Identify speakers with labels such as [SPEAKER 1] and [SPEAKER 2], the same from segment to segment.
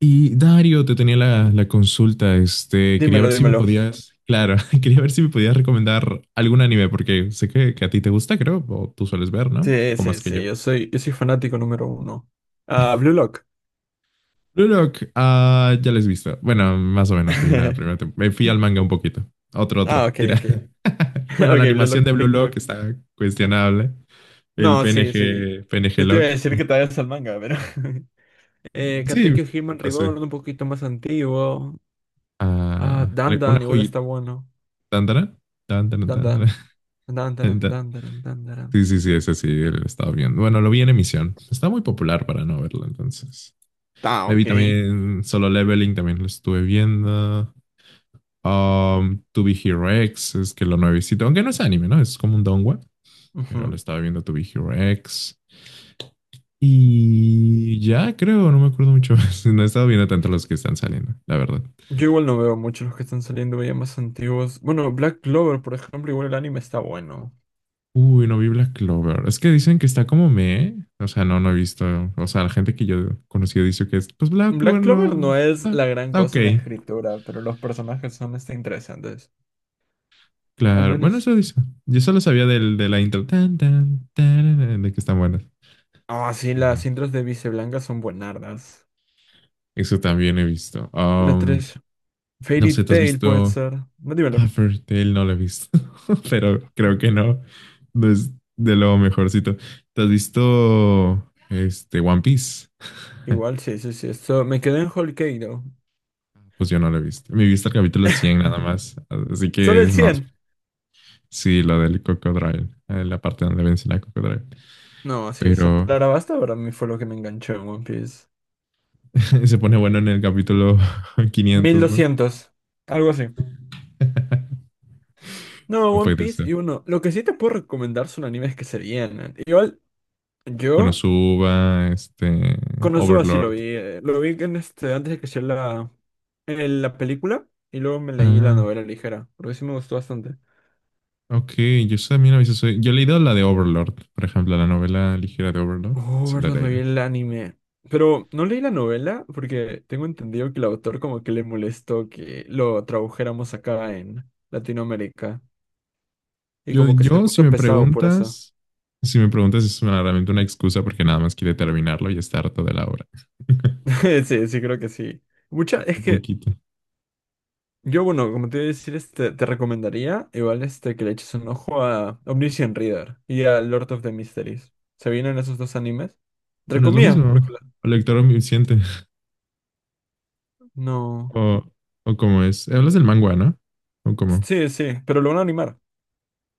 [SPEAKER 1] Y Dario, te tenía la consulta. Quería
[SPEAKER 2] Dímelo,
[SPEAKER 1] ver si me
[SPEAKER 2] dímelo.
[SPEAKER 1] podías, claro, quería ver si me podías recomendar algún anime, porque sé que a ti te gusta, creo, o tú sueles ver, ¿no? Un
[SPEAKER 2] Sí,
[SPEAKER 1] poco
[SPEAKER 2] sí,
[SPEAKER 1] más que yo.
[SPEAKER 2] sí, yo soy fanático número uno. Ah, Blue Lock.
[SPEAKER 1] Blue Lock, ah, ya les he visto. Bueno, más o menos, vi la primera tem- Me fui al manga un poquito. Otro,
[SPEAKER 2] Ah,
[SPEAKER 1] otro,
[SPEAKER 2] ok,
[SPEAKER 1] tira.
[SPEAKER 2] ok.
[SPEAKER 1] Bueno,
[SPEAKER 2] Ok,
[SPEAKER 1] la
[SPEAKER 2] Blue
[SPEAKER 1] animación de
[SPEAKER 2] Lock,
[SPEAKER 1] Blue
[SPEAKER 2] Pick
[SPEAKER 1] Lock
[SPEAKER 2] Lock.
[SPEAKER 1] está cuestionable. El
[SPEAKER 2] No, sí, sí.
[SPEAKER 1] PNG, PNG
[SPEAKER 2] Yo te iba a
[SPEAKER 1] Lock.
[SPEAKER 2] decir que te vayas al manga, pero.
[SPEAKER 1] Sí,
[SPEAKER 2] Katekyo
[SPEAKER 1] me
[SPEAKER 2] Hitman Reborn,
[SPEAKER 1] pasé.
[SPEAKER 2] un poquito más antiguo. Ah,
[SPEAKER 1] Ah, una
[SPEAKER 2] Dandan, igual
[SPEAKER 1] joyita.
[SPEAKER 2] está bueno.
[SPEAKER 1] Tan, tan, tan, tan, tan,
[SPEAKER 2] Dandan.
[SPEAKER 1] tan,
[SPEAKER 2] Dandaran,
[SPEAKER 1] tan.
[SPEAKER 2] dandaran, dandaran.
[SPEAKER 1] Sí, sí, sí, ese sí, lo estaba viendo. Bueno, lo vi en emisión. Está muy popular para no verlo, entonces.
[SPEAKER 2] Ah,
[SPEAKER 1] Me vi
[SPEAKER 2] ok.
[SPEAKER 1] también Solo Leveling, también lo estuve viendo. To Be Hero X, es que lo nuevecito, aunque no es anime, ¿no? Es como un donghua, pero lo
[SPEAKER 2] Ujú.
[SPEAKER 1] estaba viendo To Be Hero X. Y ya creo, no me acuerdo mucho más. No he estado viendo tanto los que están saliendo, la verdad.
[SPEAKER 2] Yo igual no veo mucho los que están saliendo ya más antiguos. Bueno, Black Clover, por ejemplo, igual el anime está bueno.
[SPEAKER 1] Uy, no vi Black Clover. Es que dicen que está como me. O sea, no, no he visto. O sea, la gente que yo he conocido dice que es, pues Black
[SPEAKER 2] Black
[SPEAKER 1] Clover
[SPEAKER 2] Clover
[SPEAKER 1] no
[SPEAKER 2] no es
[SPEAKER 1] está,
[SPEAKER 2] la gran
[SPEAKER 1] está ok.
[SPEAKER 2] cosa en la escritura, pero los personajes son interesantes. Al
[SPEAKER 1] Claro, bueno,
[SPEAKER 2] menos.
[SPEAKER 1] eso dice. Yo solo sabía del, de la intro, tan, tan, tararán, de que están buenas.
[SPEAKER 2] Ah, sí,
[SPEAKER 1] Y
[SPEAKER 2] las intros de Vice Blanca son buenardas.
[SPEAKER 1] eso también he visto.
[SPEAKER 2] La 3
[SPEAKER 1] No
[SPEAKER 2] Fairy
[SPEAKER 1] sé, ¿tú has
[SPEAKER 2] Tail puede
[SPEAKER 1] visto
[SPEAKER 2] ser. No, dímelo.
[SPEAKER 1] Tale? No lo he visto, pero creo que no. No es de lo mejorcito. ¿Te has visto este, One Piece?
[SPEAKER 2] Igual, sí, sí, sí. Me quedé en Whole Cake, ¿no?
[SPEAKER 1] Pues yo no lo he visto. Me he visto el capítulo 100 nada más. Así
[SPEAKER 2] Solo
[SPEAKER 1] que,
[SPEAKER 2] el
[SPEAKER 1] no,
[SPEAKER 2] 100.
[SPEAKER 1] sí, lo del Cocodrilo, la parte donde vence la Cocodrilo.
[SPEAKER 2] No, sí, esa
[SPEAKER 1] Pero
[SPEAKER 2] palabra basta para mí fue lo que me enganchó en One Piece.
[SPEAKER 1] se pone bueno en el capítulo
[SPEAKER 2] Mil
[SPEAKER 1] 500, ¿no?
[SPEAKER 2] doscientos. Algo así. No,
[SPEAKER 1] No
[SPEAKER 2] One
[SPEAKER 1] puede
[SPEAKER 2] Piece y
[SPEAKER 1] ser.
[SPEAKER 2] uno. Lo que sí te puedo recomendar son animes que se vienen. Igual, yo
[SPEAKER 1] Konosuba,
[SPEAKER 2] con Konosuba sí lo vi.
[SPEAKER 1] Overlord.
[SPEAKER 2] Lo vi en antes de que sea en la película y luego me leí la
[SPEAKER 1] Ah,
[SPEAKER 2] novela ligera, porque sí me gustó bastante.
[SPEAKER 1] ok. Yo también a veces soy. Yo he leído la de Overlord, por ejemplo, la novela ligera de Overlord.
[SPEAKER 2] Oh,
[SPEAKER 1] Sí, la he
[SPEAKER 2] verdad, me vi
[SPEAKER 1] leído.
[SPEAKER 2] el anime. Pero no leí la novela porque tengo entendido que el autor como que le molestó que lo tradujéramos acá en Latinoamérica. Y como que se
[SPEAKER 1] Si
[SPEAKER 2] puso
[SPEAKER 1] me
[SPEAKER 2] pesado por eso.
[SPEAKER 1] preguntas, si me preguntas, es realmente una excusa porque nada más quiere terminarlo y está harto de la obra.
[SPEAKER 2] Sí, sí, creo que sí. Mucha, es
[SPEAKER 1] Un
[SPEAKER 2] que
[SPEAKER 1] poquito.
[SPEAKER 2] yo, bueno, como te iba a decir, te recomendaría igual que le eches un ojo a Omniscient Reader y a Lord of the Mysteries. ¿Se vienen esos dos animes? Entre
[SPEAKER 1] No es lo
[SPEAKER 2] comillas, porque
[SPEAKER 1] mismo. O lector omnisciente.
[SPEAKER 2] no.
[SPEAKER 1] O, o cómo es. Hablas del manga, ¿no? ¿O cómo?
[SPEAKER 2] Sí, sí, pero lo van a animar.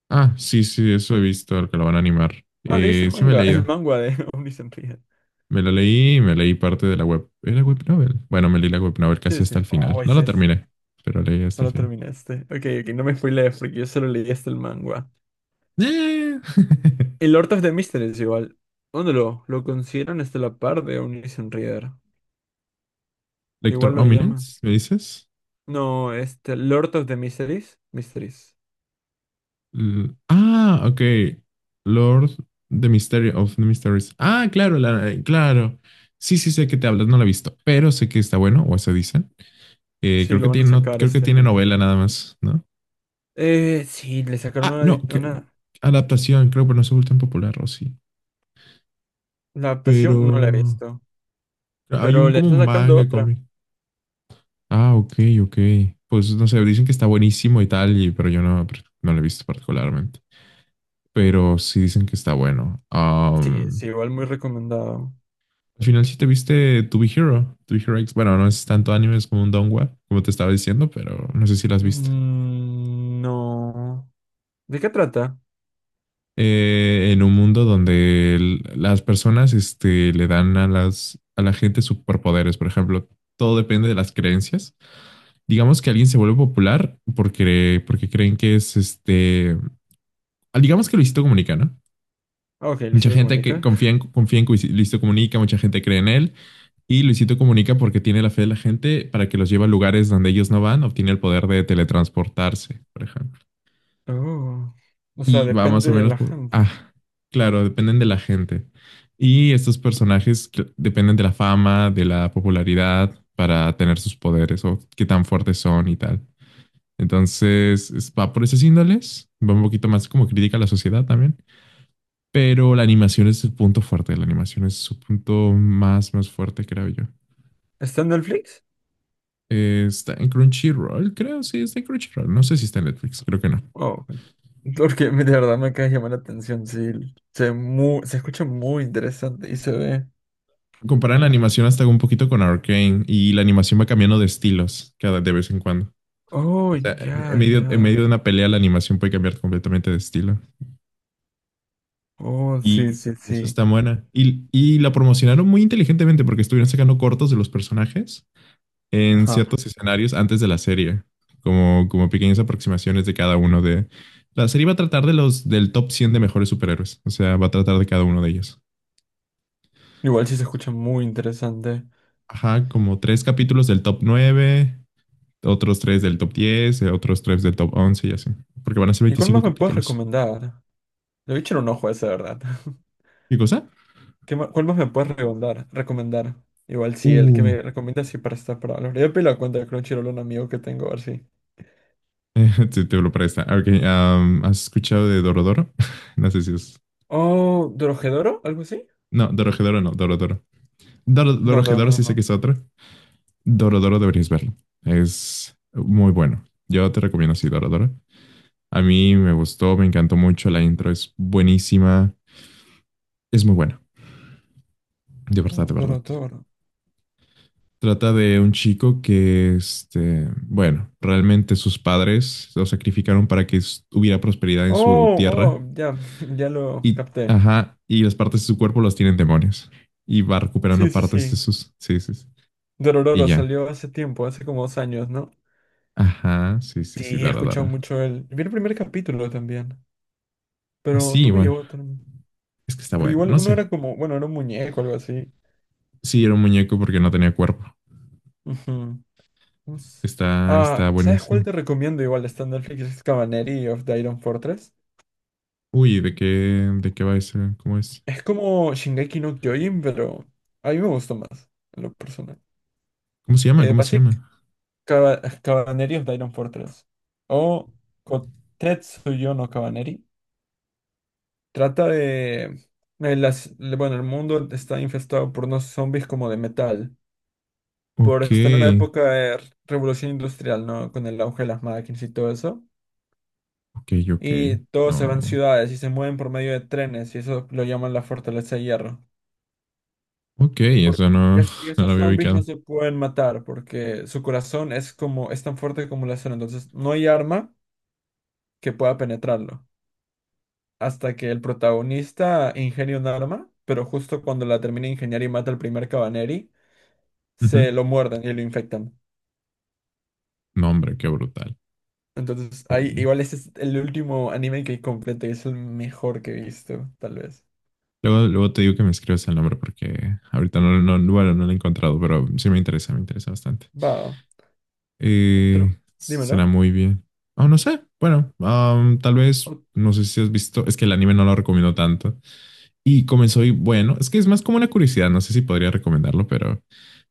[SPEAKER 1] Ah, sí, sí, eso he visto, el que lo van a animar.
[SPEAKER 2] Ah, leíste el
[SPEAKER 1] Sí me he
[SPEAKER 2] manga, el
[SPEAKER 1] leído.
[SPEAKER 2] manga de Omniscient Reader.
[SPEAKER 1] Me leí parte de la web. ¿Era web novel? Bueno, me leí la web novel
[SPEAKER 2] Sí,
[SPEAKER 1] casi
[SPEAKER 2] sí.
[SPEAKER 1] hasta el final.
[SPEAKER 2] Oh,
[SPEAKER 1] No
[SPEAKER 2] ese
[SPEAKER 1] la
[SPEAKER 2] es.
[SPEAKER 1] terminé, pero leí hasta
[SPEAKER 2] No
[SPEAKER 1] el
[SPEAKER 2] lo
[SPEAKER 1] final.
[SPEAKER 2] terminaste. Ok, ok, no me spoilees porque yo solo leí hasta el manga.
[SPEAKER 1] Eh.
[SPEAKER 2] El Lord of the Mysteries igual. ¿Dónde lo consideran hasta la par de Omniscient Reader? Igual
[SPEAKER 1] Lector
[SPEAKER 2] lo llaman.
[SPEAKER 1] Ominence, ¿me dices?
[SPEAKER 2] No, Lord of the Mysteries. Mysteries.
[SPEAKER 1] Ah, ok. Lord The Mystery of the Mysteries. Ah, claro, claro. Sí, sí, sé que te hablas, no la he visto, pero sé que está bueno, o eso dicen.
[SPEAKER 2] Sí,
[SPEAKER 1] Creo que
[SPEAKER 2] lo van a
[SPEAKER 1] tiene, no,
[SPEAKER 2] sacar
[SPEAKER 1] creo que
[SPEAKER 2] este
[SPEAKER 1] tiene
[SPEAKER 2] anime.
[SPEAKER 1] novela nada más, ¿no?
[SPEAKER 2] Sí, le sacaron
[SPEAKER 1] Ah,
[SPEAKER 2] una, adi-
[SPEAKER 1] no,
[SPEAKER 2] una...
[SPEAKER 1] adaptación, creo, pero no se vuelve tan popular, o sí.
[SPEAKER 2] La
[SPEAKER 1] Pero
[SPEAKER 2] adaptación no la he visto,
[SPEAKER 1] hay
[SPEAKER 2] pero
[SPEAKER 1] un
[SPEAKER 2] le
[SPEAKER 1] como
[SPEAKER 2] está sacando
[SPEAKER 1] manga
[SPEAKER 2] otra.
[SPEAKER 1] cómic. Ah, ok, ok. Pues no sé, dicen que está buenísimo y tal, y, pero yo no, no lo he visto particularmente. Pero sí dicen que está bueno.
[SPEAKER 2] Sí, es igual muy recomendado.
[SPEAKER 1] Al final sí te viste To Be Hero, To Be Hero X. Bueno, no es tanto anime, es como un donghua, como te estaba diciendo, pero no sé si las viste.
[SPEAKER 2] Mm, no. ¿De qué trata?
[SPEAKER 1] En un mundo donde las personas le dan a la gente superpoderes, por ejemplo, todo depende de las creencias. Digamos que alguien se vuelve popular porque, porque creen que es digamos que Luisito Comunica, ¿no?
[SPEAKER 2] Ah, ok,
[SPEAKER 1] Mucha
[SPEAKER 2] Luisito
[SPEAKER 1] gente que
[SPEAKER 2] Comunica.
[SPEAKER 1] confía en, confía en Luisito Comunica, mucha gente cree en él. Y Luisito Comunica, porque tiene la fe de la gente para que los lleve a lugares donde ellos no van, obtiene el poder de teletransportarse, por ejemplo.
[SPEAKER 2] Oh, o sea,
[SPEAKER 1] Y va más
[SPEAKER 2] depende
[SPEAKER 1] o
[SPEAKER 2] de
[SPEAKER 1] menos
[SPEAKER 2] la
[SPEAKER 1] por...
[SPEAKER 2] gente.
[SPEAKER 1] Ah, claro, dependen de la gente. Y estos personajes que dependen de la fama, de la popularidad para tener sus poderes o qué tan fuertes son y tal. Entonces, va por esas índoles. Va un poquito más como crítica a la sociedad también. Pero la animación es el punto fuerte, la animación es su punto más, más fuerte, creo yo.
[SPEAKER 2] ¿Está en Netflix?
[SPEAKER 1] Está en Crunchyroll, creo, sí, está en Crunchyroll. No sé si está en Netflix, creo que no.
[SPEAKER 2] Oh, ok. Porque de verdad me acaba de llamar la atención, sí. Se escucha muy interesante y se ve.
[SPEAKER 1] Comparan la animación hasta un poquito con Arcane y la animación va cambiando de estilos cada de vez en cuando.
[SPEAKER 2] Oh,
[SPEAKER 1] O sea, en
[SPEAKER 2] ya,
[SPEAKER 1] medio, en
[SPEAKER 2] ya.
[SPEAKER 1] medio de una pelea la animación puede cambiar completamente de estilo.
[SPEAKER 2] Oh, sí,
[SPEAKER 1] Y
[SPEAKER 2] sí,
[SPEAKER 1] eso
[SPEAKER 2] sí.
[SPEAKER 1] está buena. Y la promocionaron muy inteligentemente porque estuvieron sacando cortos de los personajes en
[SPEAKER 2] Ajá.
[SPEAKER 1] ciertos escenarios antes de la serie, como pequeñas aproximaciones de cada uno de... La serie va a tratar de los del top 100 de mejores superhéroes, o sea, va a tratar de cada uno de ellos.
[SPEAKER 2] Igual sí se escucha muy interesante.
[SPEAKER 1] Ajá, como tres capítulos del top 9, otros tres del top 10, otros tres del top 11 y así, porque van a ser
[SPEAKER 2] ¿Y cuál
[SPEAKER 1] 25
[SPEAKER 2] más me puedes
[SPEAKER 1] capítulos.
[SPEAKER 2] recomendar? Le voy a echar un ojo a ese, ¿de verdad?
[SPEAKER 1] ¿Qué cosa?
[SPEAKER 2] ¿Cuál más me puedes recomendar? Recomendar. Igual sí, el que
[SPEAKER 1] Uh,
[SPEAKER 2] me recomiendas sí para estar para hablar. Ya pedí la cuenta de Crunchyroll a un amigo que tengo, a ver si.
[SPEAKER 1] te lo presta. Ok, ¿has escuchado de Dorodoro? No sé si es...
[SPEAKER 2] Oh, ¿Dorohedoro? ¿Algo así?
[SPEAKER 1] No, Dorojedoro no, Dorodoro.
[SPEAKER 2] No,
[SPEAKER 1] Dorojedoro
[SPEAKER 2] Dorohedoro
[SPEAKER 1] sí sé que
[SPEAKER 2] no.
[SPEAKER 1] es otro. Dorodoro deberías verlo. Es muy bueno. Yo te recomiendo así Dorodoro. A mí me gustó, me encantó mucho. La intro es buenísima. Es muy buena. De verdad,
[SPEAKER 2] Oh,
[SPEAKER 1] de verdad.
[SPEAKER 2] Dorohedoro.
[SPEAKER 1] Trata de un chico que, este, bueno, realmente sus padres lo sacrificaron para que hubiera prosperidad en su
[SPEAKER 2] Oh,
[SPEAKER 1] tierra.
[SPEAKER 2] oh, ya, ya lo
[SPEAKER 1] Y,
[SPEAKER 2] capté.
[SPEAKER 1] ajá, y las partes de su cuerpo las tienen demonios. Y va
[SPEAKER 2] Sí,
[SPEAKER 1] recuperando
[SPEAKER 2] sí,
[SPEAKER 1] partes de
[SPEAKER 2] sí.
[SPEAKER 1] sus... Sí, sí, sí. Y
[SPEAKER 2] Dorororo
[SPEAKER 1] ya.
[SPEAKER 2] salió hace tiempo, hace como 2 años, ¿no?
[SPEAKER 1] Ajá, sí, sí,
[SPEAKER 2] Sí,
[SPEAKER 1] sí,
[SPEAKER 2] he
[SPEAKER 1] dara,
[SPEAKER 2] escuchado
[SPEAKER 1] dara.
[SPEAKER 2] mucho él. Vi el primer capítulo también, pero
[SPEAKER 1] Así,
[SPEAKER 2] no me
[SPEAKER 1] bueno.
[SPEAKER 2] llevó tanto.
[SPEAKER 1] Es que está
[SPEAKER 2] Pero
[SPEAKER 1] bueno.
[SPEAKER 2] igual
[SPEAKER 1] No
[SPEAKER 2] uno
[SPEAKER 1] sé.
[SPEAKER 2] era como, bueno, era un muñeco o algo así.
[SPEAKER 1] Sí, era un muñeco porque no tenía cuerpo.
[SPEAKER 2] Ujú. No sé.
[SPEAKER 1] Está,
[SPEAKER 2] Ah,
[SPEAKER 1] está
[SPEAKER 2] ¿sabes cuál
[SPEAKER 1] buenísimo.
[SPEAKER 2] te recomiendo? Igual está en Netflix, es Cavalry of the Iron Fortress.
[SPEAKER 1] Uy, ¿de qué va ese? ¿Cómo es?
[SPEAKER 2] Es como Shingeki no Kyojin, pero a mí me gustó más, en lo personal.
[SPEAKER 1] ¿Cómo se llama? ¿Cómo se
[SPEAKER 2] Pasé
[SPEAKER 1] llama?
[SPEAKER 2] Cavalry of the Iron Fortress o Kotetsuyo no Cavalry. Trata de las, bueno, el mundo está infestado por unos zombies como de metal, por
[SPEAKER 1] Ok,
[SPEAKER 2] estar en una época de revolución industrial, ¿no? Con el auge de las máquinas y todo eso.
[SPEAKER 1] ok, ok.
[SPEAKER 2] Y todos se
[SPEAKER 1] No.
[SPEAKER 2] van a ciudades y se mueven por medio de trenes y eso lo llaman la fortaleza de hierro.
[SPEAKER 1] Ok, eso
[SPEAKER 2] Porque y
[SPEAKER 1] no,
[SPEAKER 2] es- y
[SPEAKER 1] no lo
[SPEAKER 2] esos
[SPEAKER 1] había
[SPEAKER 2] zombies no
[SPEAKER 1] ubicado.
[SPEAKER 2] se pueden matar porque su corazón es como es tan fuerte como la acero, entonces no hay arma que pueda penetrarlo. Hasta que el protagonista ingenia un arma, pero justo cuando la termina de ingeniar y mata al primer Cabaneri,
[SPEAKER 1] Ujú.
[SPEAKER 2] se lo muerden y lo infectan.
[SPEAKER 1] No, hombre, qué brutal.
[SPEAKER 2] Entonces, ahí,
[SPEAKER 1] Oye.
[SPEAKER 2] igual este es el último anime que completé, es el mejor que he visto, tal vez.
[SPEAKER 1] Luego, luego te digo que me escribas el nombre porque ahorita no, no, bueno, no lo he encontrado, pero sí me interesa bastante.
[SPEAKER 2] Va, otro,
[SPEAKER 1] Será
[SPEAKER 2] dímelo.
[SPEAKER 1] muy bien. Oh, no sé. Bueno, tal vez,
[SPEAKER 2] Ot-
[SPEAKER 1] no sé si has visto, es que el anime no lo recomiendo tanto. Y comenzó y bueno, es que es más como una curiosidad, no sé si podría recomendarlo, pero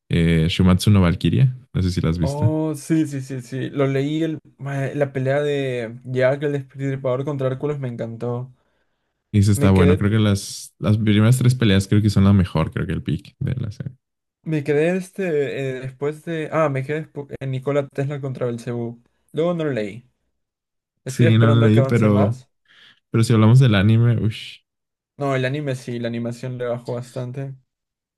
[SPEAKER 1] Shumatsu no Valkyria, no sé si la has visto.
[SPEAKER 2] Oh, sí, sí, sí, sí. Lo leí la pelea de Jack el Destripador contra Hércules me encantó.
[SPEAKER 1] Y eso está
[SPEAKER 2] Me
[SPEAKER 1] bueno,
[SPEAKER 2] quedé,
[SPEAKER 1] creo que las primeras tres peleas creo que son la mejor, creo que el pick de la serie.
[SPEAKER 2] me quedé. Después de. Ah, me quedé en Nikola Tesla contra Belcebú. Luego no lo leí. Estoy
[SPEAKER 1] Sí, no lo
[SPEAKER 2] esperando a que
[SPEAKER 1] leí,
[SPEAKER 2] avance
[SPEAKER 1] pero,
[SPEAKER 2] más.
[SPEAKER 1] pero si hablamos del anime, ush,
[SPEAKER 2] No, el anime sí, la animación le bajó bastante.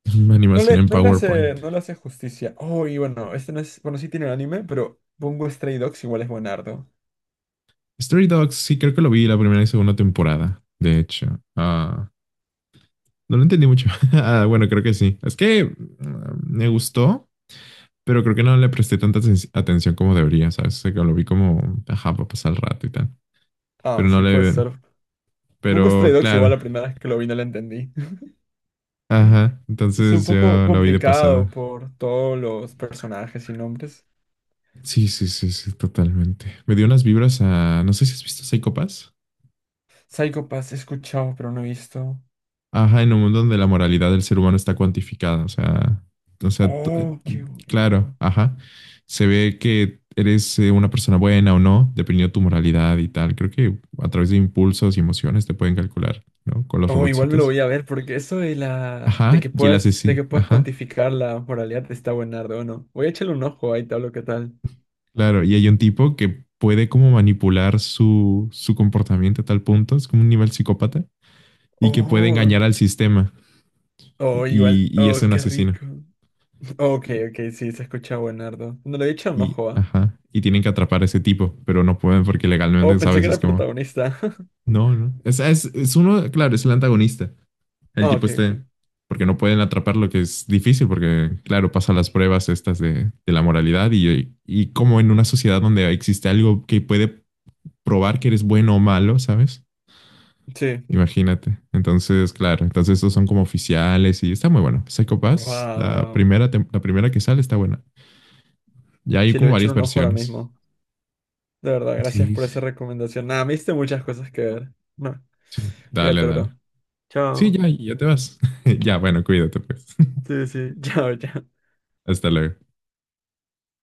[SPEAKER 2] No
[SPEAKER 1] animación
[SPEAKER 2] le,
[SPEAKER 1] en
[SPEAKER 2] no le hace,
[SPEAKER 1] PowerPoint.
[SPEAKER 2] no le hace justicia. Oh, y bueno, este no es. Bueno, sí tiene un anime, pero Bungo Stray Dogs igual es buenardo.
[SPEAKER 1] Story Dogs, sí, creo que lo vi la primera y segunda temporada, de hecho. Ah, no lo entendí mucho. Ah, bueno, creo que sí. Es que me gustó, pero creo que no le presté tanta atención como debería, ¿sabes? O sea, que lo vi como, ajá, para pasar el rato y tal.
[SPEAKER 2] Ah,
[SPEAKER 1] Pero no
[SPEAKER 2] sí, puede
[SPEAKER 1] le...
[SPEAKER 2] ser. Bungo Stray
[SPEAKER 1] Pero
[SPEAKER 2] Dogs igual
[SPEAKER 1] claro,
[SPEAKER 2] la primera vez que lo vi no lo entendí.
[SPEAKER 1] ajá.
[SPEAKER 2] Es un
[SPEAKER 1] Entonces
[SPEAKER 2] poco
[SPEAKER 1] yo lo vi de
[SPEAKER 2] complicado
[SPEAKER 1] pasada.
[SPEAKER 2] por todos los personajes y nombres.
[SPEAKER 1] Sí, sí, sí, sí, totalmente. Me dio unas vibras a... No sé si has visto Psycho Pass.
[SPEAKER 2] Psycho Pass he escuchado, pero no he visto.
[SPEAKER 1] Ajá, en un mundo donde la moralidad del ser humano está cuantificada. O sea,
[SPEAKER 2] Oh, qué
[SPEAKER 1] claro,
[SPEAKER 2] bueno.
[SPEAKER 1] ajá. Se ve que eres una persona buena o no, dependiendo de tu moralidad y tal. Creo que a través de impulsos y emociones te pueden calcular, ¿no? Con los
[SPEAKER 2] Oh, igual me lo
[SPEAKER 1] robotcitos.
[SPEAKER 2] voy a ver, porque eso de la. De
[SPEAKER 1] Ajá,
[SPEAKER 2] que
[SPEAKER 1] y el
[SPEAKER 2] puedas, de
[SPEAKER 1] asesino.
[SPEAKER 2] que puedas
[SPEAKER 1] Ajá,
[SPEAKER 2] cuantificar la moralidad está buenardo, ¿o no? Voy a echarle un ojo ahí, tal, lo que tal.
[SPEAKER 1] claro. Y hay un tipo que puede como manipular su comportamiento a tal punto, es como un nivel psicópata, y que puede
[SPEAKER 2] Oh.
[SPEAKER 1] engañar al sistema.
[SPEAKER 2] Oh, igual.
[SPEAKER 1] Y es
[SPEAKER 2] Oh,
[SPEAKER 1] un
[SPEAKER 2] qué
[SPEAKER 1] asesino.
[SPEAKER 2] rico. Ok, ok, sí, se escucha buenardo. No le he echado un
[SPEAKER 1] Y,
[SPEAKER 2] ojo, ¿ah?
[SPEAKER 1] ajá, y tienen que atrapar a ese tipo, pero no pueden porque
[SPEAKER 2] Oh,
[SPEAKER 1] legalmente,
[SPEAKER 2] pensé que
[SPEAKER 1] ¿sabes?
[SPEAKER 2] era
[SPEAKER 1] Es
[SPEAKER 2] el
[SPEAKER 1] como,
[SPEAKER 2] protagonista.
[SPEAKER 1] no, no. Es uno, claro, es el antagonista. El
[SPEAKER 2] Ah,
[SPEAKER 1] tipo
[SPEAKER 2] ok, ok.
[SPEAKER 1] este, porque no pueden atraparlo, que es difícil, porque claro, pasan las pruebas estas de la moralidad y como en una sociedad donde existe algo que puede probar que eres bueno o malo, ¿sabes?
[SPEAKER 2] Sí.
[SPEAKER 1] Imagínate. Entonces, claro, entonces estos son como oficiales y está muy bueno. Psycho Pass,
[SPEAKER 2] Wow,
[SPEAKER 1] la
[SPEAKER 2] wow.
[SPEAKER 1] primera, tem- la primera que sale está buena. Ya hay
[SPEAKER 2] Sí, le voy
[SPEAKER 1] como
[SPEAKER 2] a echar
[SPEAKER 1] varias
[SPEAKER 2] un ojo ahora
[SPEAKER 1] versiones.
[SPEAKER 2] mismo. De verdad, gracias
[SPEAKER 1] Sí,
[SPEAKER 2] por
[SPEAKER 1] sí.
[SPEAKER 2] esa recomendación. Nada, me diste muchas cosas que ver. No,
[SPEAKER 1] Dale,
[SPEAKER 2] fíjate,
[SPEAKER 1] dale.
[SPEAKER 2] bro.
[SPEAKER 1] Sí,
[SPEAKER 2] Chao.
[SPEAKER 1] ya, ya te vas. Ya, bueno, cuídate pues.
[SPEAKER 2] Sí, sí. Chao, chao.
[SPEAKER 1] Hasta luego.